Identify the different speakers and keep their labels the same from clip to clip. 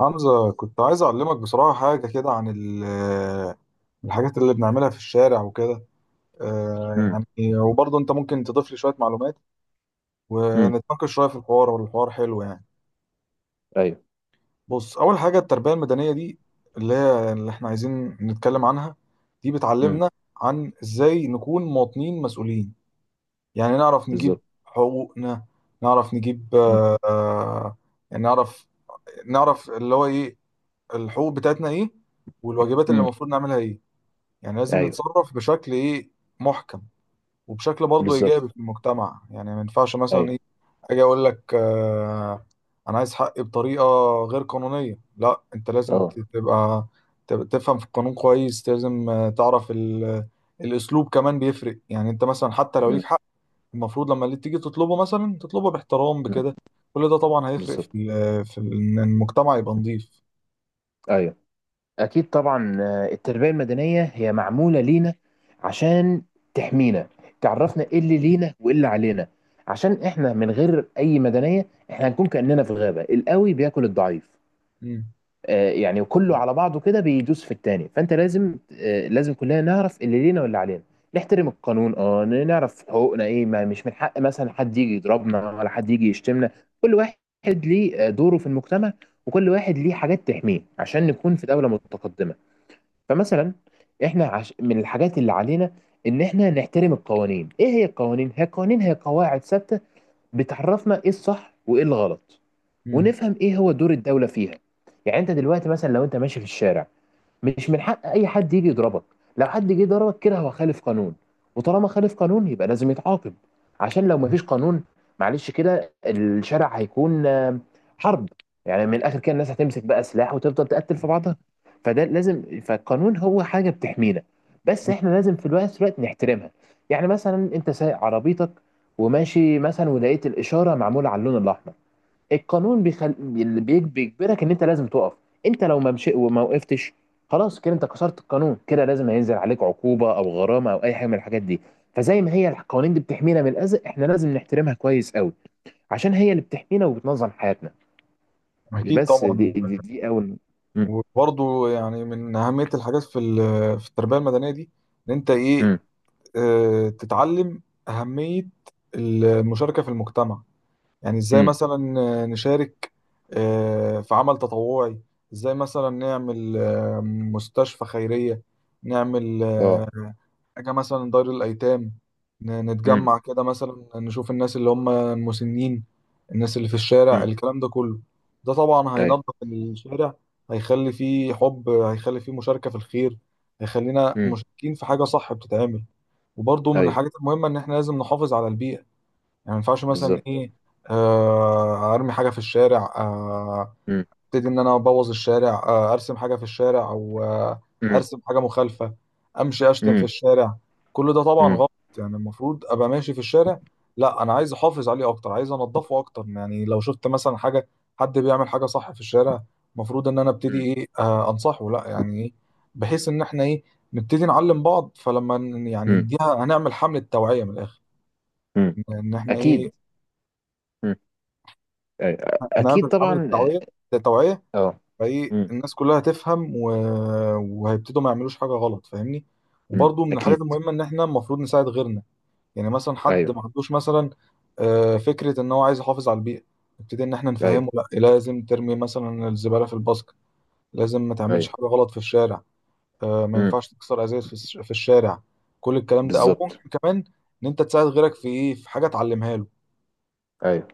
Speaker 1: حمزة، كنت عايز أعلمك بصراحة حاجة كده عن الحاجات اللي بنعملها في الشارع وكده. آه،
Speaker 2: امم.
Speaker 1: يعني وبرضه أنت ممكن تضيف لي شوية معلومات
Speaker 2: امم.
Speaker 1: ونتناقش شوية في الحوار، والحوار حلو يعني.
Speaker 2: ايوه.
Speaker 1: بص، أول حاجة التربية المدنية دي اللي هي اللي إحنا عايزين نتكلم عنها، دي
Speaker 2: امم.
Speaker 1: بتعلمنا عن إزاي نكون مواطنين مسؤولين. يعني نعرف نجيب
Speaker 2: بالظبط.
Speaker 1: حقوقنا، نعرف نجيب
Speaker 2: امم.
Speaker 1: يعني نعرف، اللي هو إيه الحقوق بتاعتنا إيه والواجبات اللي
Speaker 2: امم.
Speaker 1: المفروض نعملها إيه. يعني لازم
Speaker 2: ايوه.
Speaker 1: نتصرف بشكل ايه محكم، وبشكل برضه ايجابي
Speaker 2: بالظبط.
Speaker 1: في المجتمع. يعني ما ينفعش مثلا
Speaker 2: ايوه.
Speaker 1: ايه اجي اقول لك انا عايز حقي بطريقه غير قانونيه. لا، انت لازم
Speaker 2: اه.
Speaker 1: تبقى تفهم في القانون كويس. لازم تعرف الاسلوب كمان بيفرق. يعني انت مثلا حتى لو
Speaker 2: امم.
Speaker 1: ليك حق، المفروض لما اللي تيجي تطلبه مثلا تطلبه باحترام
Speaker 2: امم.
Speaker 1: بكده. كل ده طبعا هيفرق في
Speaker 2: بالظبط.
Speaker 1: ال- في ال- ان المجتمع يبقى نظيف.
Speaker 2: ايوه. اكيد طبعا. التربيه المدنيه هي معموله لينا عشان تحمينا، تعرفنا ايه اللي لينا وايه اللي علينا. عشان احنا من غير اي مدنيه احنا هنكون كاننا في غابه، القوي بياكل الضعيف.
Speaker 1: مم.
Speaker 2: يعني وكله على بعضه كده بيدوس في التاني، فانت لازم لازم كلنا نعرف اللي لينا واللي علينا، نحترم القانون، نعرف حقوقنا ايه، ما مش من حق مثلا حد يجي يضربنا ولا حد يجي يشتمنا. كل واحد ليه دوره في المجتمع، وكل واحد ليه حاجات تحميه عشان نكون في دولة متقدمة. فمثلا احنا من الحاجات اللي علينا ان احنا نحترم القوانين. ايه هي القوانين؟ هي قواعد ثابتة بتعرفنا ايه الصح وايه الغلط،
Speaker 1: مم.
Speaker 2: ونفهم ايه هو دور الدوله فيها. يعني انت دلوقتي مثلا لو انت ماشي في الشارع، مش من حق اي حد يجي يضربك، لو حد جه ضربك كده هو خالف قانون، وطالما خالف قانون يبقى لازم يتعاقب. عشان لو مفيش قانون، معلش كده الشارع هيكون حرب، يعني من الاخر كده الناس هتمسك بقى سلاح وتفضل تقتل في بعضها. فده لازم، فالقانون هو حاجه بتحمينا، بس
Speaker 1: مم.
Speaker 2: احنا لازم في الوقت نحترمها. يعني مثلا انت سايق عربيتك وماشي مثلا ولقيت الاشاره معموله على اللون الاحمر، القانون بيجبرك ان انت لازم تقف. انت لو ما مشي وما وقفتش، خلاص كده انت كسرت القانون، كده لازم هينزل عليك عقوبة او غرامة او اي حاجة من الحاجات دي. فزي ما هي القوانين دي بتحمينا من الاذى، احنا لازم نحترمها كويس قوي، عشان هي اللي بتحمينا وبتنظم حياتنا.
Speaker 1: اكيد
Speaker 2: بس
Speaker 1: طبعا.
Speaker 2: دي اول. مم.
Speaker 1: وبرضه يعني من أهمية الحاجات في التربية المدنية دي، إن أنت إيه
Speaker 2: مم.
Speaker 1: تتعلم أهمية المشاركة في المجتمع. يعني إزاي
Speaker 2: مم.
Speaker 1: مثلا نشارك في عمل تطوعي. إزاي مثلا نعمل مستشفى خيرية، نعمل
Speaker 2: اه.
Speaker 1: حاجة مثلا دار الأيتام.
Speaker 2: مم.
Speaker 1: نتجمع كده مثلا، نشوف الناس اللي هم المسنين، الناس اللي في الشارع،
Speaker 2: مم.
Speaker 1: الكلام ده كله. ده طبعا
Speaker 2: ايوه.
Speaker 1: هينظف الشارع، هيخلي فيه حب، هيخلي فيه مشاركة في الخير، هيخلينا
Speaker 2: مم.
Speaker 1: مشاركين في حاجة صح بتتعمل. وبرضه من
Speaker 2: ايوه.
Speaker 1: الحاجات المهمة إن إحنا لازم نحافظ على البيئة. يعني ما ينفعش مثلا
Speaker 2: بالظبط.
Speaker 1: إيه أرمي حاجة في الشارع،
Speaker 2: مم.
Speaker 1: ابتدي ان انا ابوظ الشارع، ارسم حاجه في الشارع، او
Speaker 2: مم.
Speaker 1: ارسم حاجه مخالفه، امشي اشتم في
Speaker 2: مم.
Speaker 1: الشارع. كل ده طبعا
Speaker 2: مم.
Speaker 1: غلط. يعني المفروض ابقى ماشي في الشارع، لا انا عايز احافظ عليه اكتر، عايز انضفه اكتر. يعني لو شفت مثلا حاجه، حد بيعمل حاجه صح في الشارع، المفروض ان انا ابتدي ايه انصحه. لا يعني ايه، بحيث ان احنا ايه، نبتدي نعلم بعض. فلما يعني
Speaker 2: مم.
Speaker 1: نديها، هنعمل حمله توعيه من الاخر
Speaker 2: مم.
Speaker 1: ان إن احنا
Speaker 2: اكيد.
Speaker 1: ايه،
Speaker 2: مم. أيوة. اكيد
Speaker 1: هنعمل حمله
Speaker 2: طبعا.
Speaker 1: توعيه توعيه.
Speaker 2: اه.
Speaker 1: فايه الناس كلها هتفهم و... وهيبتدوا ما يعملوش حاجه غلط، فاهمني.
Speaker 2: مم.
Speaker 1: وبرضه من الحاجات
Speaker 2: اكيد.
Speaker 1: المهمه ان احنا المفروض نساعد غيرنا. يعني مثلا حد
Speaker 2: ايوه.
Speaker 1: ما عندوش مثلا فكره ان هو عايز يحافظ على البيئه، نبتدي ان احنا
Speaker 2: ايوه.
Speaker 1: نفهمه. لا، لازم ترمي مثلا الزباله في الباسكت، لازم ما تعملش
Speaker 2: ايوه.
Speaker 1: حاجه غلط في الشارع، ما
Speaker 2: مم.
Speaker 1: ينفعش تكسر ازايز في الشارع. كل الكلام ده، او
Speaker 2: بالظبط.
Speaker 1: ممكن كمان ان انت تساعد غيرك في ايه، في حاجه تعلمها له.
Speaker 2: ايوه.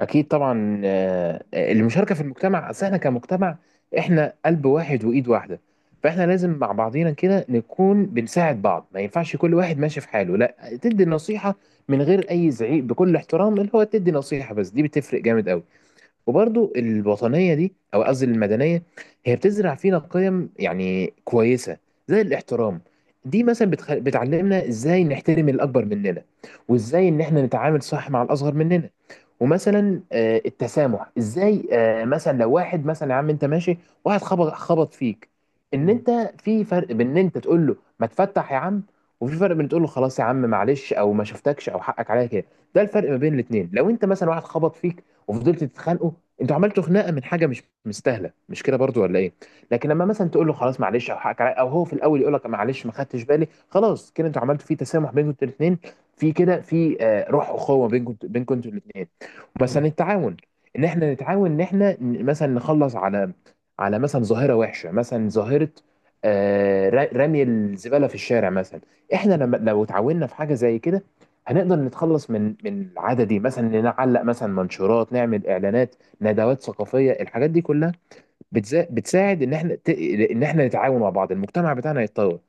Speaker 2: اكيد طبعا. المشاركه في المجتمع، اصل احنا كمجتمع احنا قلب واحد وايد واحده، فاحنا لازم مع بعضينا كده نكون بنساعد بعض، ما ينفعش كل واحد ماشي في حاله، لا تدي نصيحه من غير اي زعيق بكل احترام، اللي هو تدي نصيحه بس دي بتفرق جامد قوي. وبرضو الوطنية دي، أو قصدي المدنية، هي بتزرع فينا قيم يعني كويسة، زي الاحترام. دي مثلا بتعلمنا ازاي نحترم الأكبر مننا، وازاي إن احنا نتعامل صح مع الأصغر مننا. ومثلا التسامح، ازاي مثلا لو واحد مثلا يا عم انت ماشي، واحد خبط خبط فيك، ان
Speaker 1: مم.
Speaker 2: انت في فرق بين ان انت تقول له ما تفتح يا عم، وفي فرق بين تقول له خلاص يا عم معلش او ما شفتكش او حقك عليا كده. ده الفرق ما بين الاثنين. لو انت مثلا واحد خبط فيك وفضلت تتخانقوا، انتوا عملتوا خناقه من حاجه مش مستاهله، مش كده برضو ولا ايه؟ لكن لما مثلا تقول له خلاص معلش او حقك عليا، او هو في الاول يقول لك معلش ما خدتش بالي، خلاص كده انتوا عملتوا في تسامح بينكم انتوا الاثنين، في كده في روح اخوه بينكم بينكم انتوا الاثنين.
Speaker 1: مم.
Speaker 2: مثلا التعاون، ان احنا نتعاون، ان احنا مثلا نخلص على مثلا ظاهره وحشه، مثلا ظاهره رمي الزباله في الشارع مثلا. احنا لما لو اتعاوننا في حاجه زي كده هنقدر نتخلص من العاده دي. مثلا نعلق مثلا منشورات، نعمل اعلانات، ندوات ثقافيه، الحاجات دي كلها بتساعد ان احنا ان احنا نتعاون مع بعض، المجتمع بتاعنا يتطور،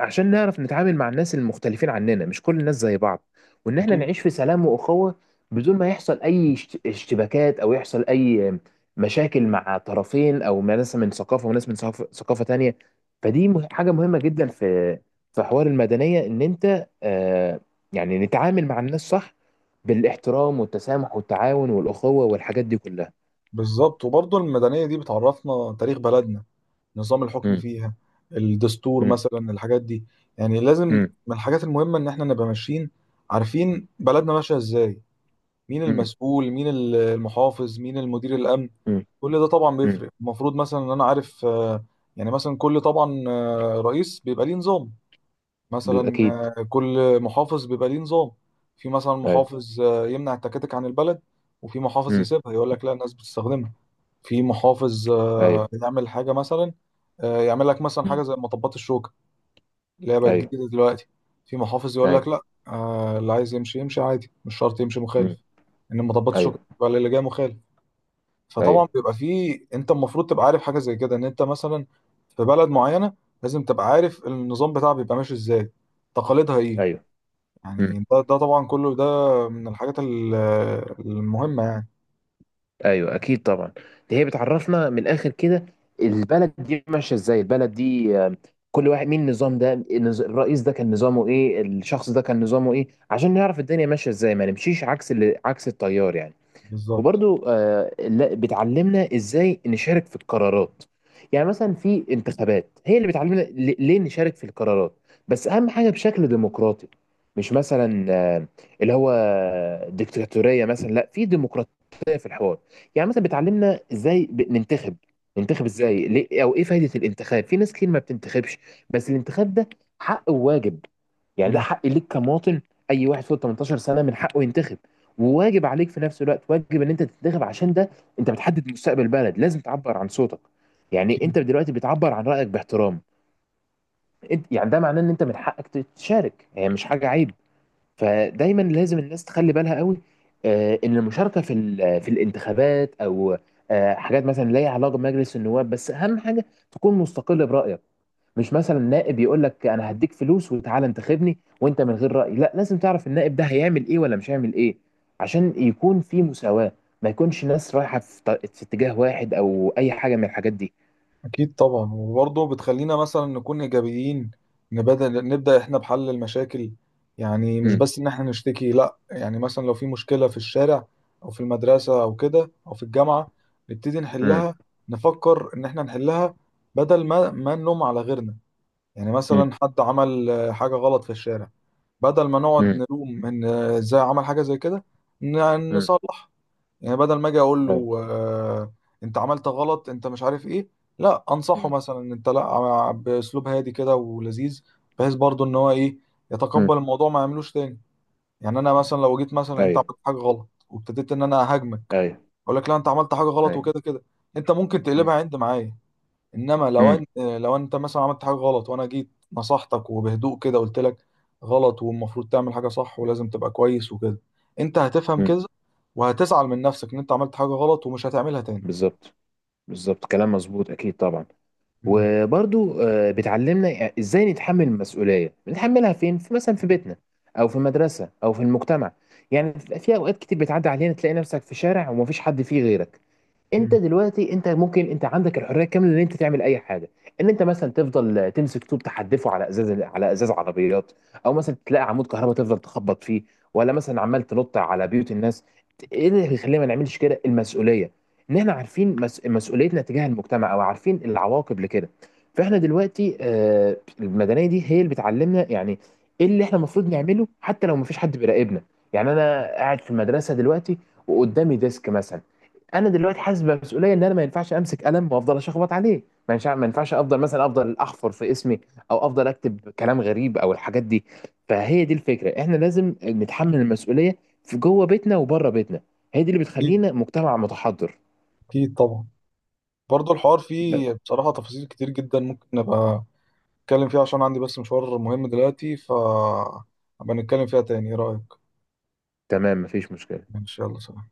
Speaker 2: عشان نعرف نتعامل مع الناس المختلفين عننا، مش كل الناس زي بعض، وان احنا
Speaker 1: أكيد.
Speaker 2: نعيش في سلام واخوه بدون ما يحصل اي اشتباكات او يحصل اي مشاكل مع طرفين، او مع ناس من ثقافه وناس من ثقافه تانيه. فدي حاجه مهمه جدا في في حوار المدنيه، ان انت يعني نتعامل مع الناس صح، بالاحترام والتسامح والتعاون والاخوه والحاجات دي كلها.
Speaker 1: بالظبط. وبرضه المدنية دي بتعرفنا تاريخ بلدنا، نظام الحكم فيها، الدستور
Speaker 2: مم.
Speaker 1: مثلا، الحاجات دي. يعني لازم
Speaker 2: مم.
Speaker 1: من الحاجات المهمة ان احنا نبقى ماشيين عارفين بلدنا ماشية ازاي، مين
Speaker 2: مم.
Speaker 1: المسؤول، مين المحافظ، مين المدير الامن.
Speaker 2: مم.
Speaker 1: كل ده طبعا
Speaker 2: مم.
Speaker 1: بيفرق. المفروض مثلا ان انا عارف يعني مثلا كل طبعا رئيس بيبقى ليه نظام. مثلا
Speaker 2: بالأكيد.
Speaker 1: كل محافظ بيبقى ليه نظام. في مثلا
Speaker 2: أيوه.
Speaker 1: محافظ يمنع التكاتك عن البلد، وفي محافظ
Speaker 2: مم.
Speaker 1: يسيبها يقول لك لا الناس بتستخدمها. في محافظ
Speaker 2: أيوه.
Speaker 1: يعمل حاجة مثلا، يعمل لك مثلا حاجة
Speaker 2: مم.
Speaker 1: زي مطبات الشوكة اللي هي بقت
Speaker 2: أيوه.
Speaker 1: جديدة دلوقتي. في محافظ يقول لك
Speaker 2: أيوه.
Speaker 1: لا، اللي عايز يمشي يمشي عادي، مش شرط يمشي مخالف
Speaker 2: مم.
Speaker 1: ان مطبات الشوكة
Speaker 2: أيوه.
Speaker 1: بقى اللي جاي مخالف. فطبعا
Speaker 2: أيوه.
Speaker 1: بيبقى في، انت المفروض تبقى عارف حاجة زي كده ان انت مثلا في بلد معينة، لازم تبقى عارف النظام بتاعها بيبقى ماشي ازاي، تقاليدها ايه.
Speaker 2: أيوه. مم.
Speaker 1: يعني ده طبعا كله ده من الحاجات المهمة يعني.
Speaker 2: أيوه. أكيد طبعا. دي هي بتعرفنا من الآخر كده البلد دي ماشية إزاي. البلد دي آم، كل واحد، مين النظام ده، الرئيس ده كان نظامه إيه، الشخص ده كان نظامه إيه، عشان نعرف الدنيا ماشية إزاي، ما نمشيش عكس التيار يعني.
Speaker 1: بالظبط.
Speaker 2: وبرضو بتعلمنا ازاي نشارك في القرارات. يعني مثلا في انتخابات، هي اللي بتعلمنا ليه نشارك في القرارات، بس اهم حاجه بشكل ديمقراطي، مش مثلا اللي هو ديكتاتوريه مثلا، لا في ديمقراطيه، في الحوار. يعني مثلا بتعلمنا ازاي ننتخب ازاي ليه، او ايه فايده الانتخاب، في ناس كتير ما بتنتخبش، بس الانتخاب ده حق وواجب، يعني ده حق ليك كمواطن، اي واحد فوق 18 سنه من حقه ينتخب، وواجب عليك في نفس الوقت، واجب ان انت تتدخل عشان ده انت بتحدد مستقبل البلد، لازم تعبر عن صوتك. يعني
Speaker 1: مم.
Speaker 2: انت دلوقتي بتعبر عن رايك باحترام، انت يعني ده معناه ان انت من حقك تشارك، هي مش حاجه عيب. فدايما لازم الناس تخلي بالها قوي، ان المشاركه في في الانتخابات، او حاجات مثلا لا ليها علاقه بمجلس النواب، بس اهم حاجه تكون مستقل برايك، مش مثلا نائب يقول لك انا هديك فلوس وتعالى انتخبني وانت من غير رأي، لا لازم تعرف النائب ده هيعمل ايه ولا مش هيعمل ايه، عشان يكون في مساواة، ما يكونش ناس رايحة في اتجاه واحد او اي حاجة من الحاجات دي.
Speaker 1: أكيد طبعا. وبرضه بتخلينا مثلا نكون إيجابيين، نبدأ إحنا بحل المشاكل. يعني مش
Speaker 2: امم.
Speaker 1: بس إن إحنا نشتكي، لأ. يعني مثلا لو في مشكلة في الشارع أو في المدرسة أو كده أو في الجامعة، نبتدي
Speaker 2: امم.
Speaker 1: نحلها، نفكر إن إحنا نحلها بدل ما نلوم على غيرنا. يعني مثلا حد عمل حاجة غلط في الشارع، بدل ما نقعد
Speaker 2: امم.
Speaker 1: نلوم إن إزاي عمل حاجة زي كده،
Speaker 2: امم.
Speaker 1: نصلح. يعني بدل ما اجي اقول
Speaker 2: امم. ايوه.
Speaker 1: له انت عملت غلط انت مش عارف ايه. لا، انصحه
Speaker 2: امم.
Speaker 1: مثلا انت لا باسلوب هادي كده ولذيذ، بحيث برضو ان هو ايه
Speaker 2: امم.
Speaker 1: يتقبل الموضوع ما يعملوش تاني. يعني انا مثلا لو جيت مثلا انت
Speaker 2: ايوه.
Speaker 1: عملت حاجه غلط وابتديت ان انا اهاجمك،
Speaker 2: ايوه.
Speaker 1: اقول لك لا انت عملت حاجه غلط
Speaker 2: ايوه.
Speaker 1: وكده كده، انت ممكن
Speaker 2: امم.
Speaker 1: تقلبها عند معايا. انما لو
Speaker 2: امم.
Speaker 1: انت لو انت مثلا عملت حاجه غلط وانا جيت نصحتك، وبهدوء كده قلت لك غلط، والمفروض تعمل حاجه صح ولازم تبقى كويس وكده، انت هتفهم
Speaker 2: أمم.
Speaker 1: كده وهتزعل من نفسك ان انت عملت حاجه غلط ومش هتعملها تاني.
Speaker 2: بالظبط. بالظبط. كلام مظبوط، اكيد طبعا.
Speaker 1: مم.
Speaker 2: وبرضو بتعلمنا ازاي نتحمل المسؤوليه، بنتحملها فين؟ في مثلا في بيتنا او في المدرسه او في المجتمع. يعني بتبقى في اوقات كتير بتعدي علينا تلاقي نفسك في شارع ومفيش حد فيه غيرك، انت
Speaker 1: مم.
Speaker 2: دلوقتي انت ممكن انت عندك الحريه الكامله ان انت تعمل اي حاجه، ان انت مثلا تفضل تمسك طوب تحدفه على ازاز، على ازاز عربيات، او مثلا تلاقي عمود كهرباء تفضل تخبط فيه، ولا مثلا عمال تنط على بيوت الناس. ايه اللي يخلينا ما نعملش كده؟ المسؤوليه، ان احنا عارفين مسؤوليتنا تجاه المجتمع، او عارفين العواقب لكده. فاحنا دلوقتي المدنيه دي هي اللي بتعلمنا يعني ايه اللي احنا المفروض نعمله حتى لو ما فيش حد بيراقبنا. يعني انا قاعد في المدرسه دلوقتي وقدامي ديسك مثلا، انا دلوقتي حاسس بمسؤوليه ان انا ما ينفعش امسك قلم وافضل اشخبط عليه، ما ينفعش افضل احفر في اسمي، او افضل اكتب كلام غريب او الحاجات دي. فهي دي الفكره، احنا لازم نتحمل المسؤوليه في جوه بيتنا وبره بيتنا، هي دي اللي
Speaker 1: اكيد.
Speaker 2: بتخلينا مجتمع متحضر.
Speaker 1: اكيد طبعا. برضه الحوار
Speaker 2: ب-
Speaker 1: فيه بصراحه تفاصيل كتير جدا، ممكن ابقى اتكلم فيها، عشان عندي بس مشوار مهم دلوقتي، ف هبقى نتكلم فيها تاني، ايه رايك؟
Speaker 2: تمام، مفيش مشكله.
Speaker 1: ان شاء الله، سلام.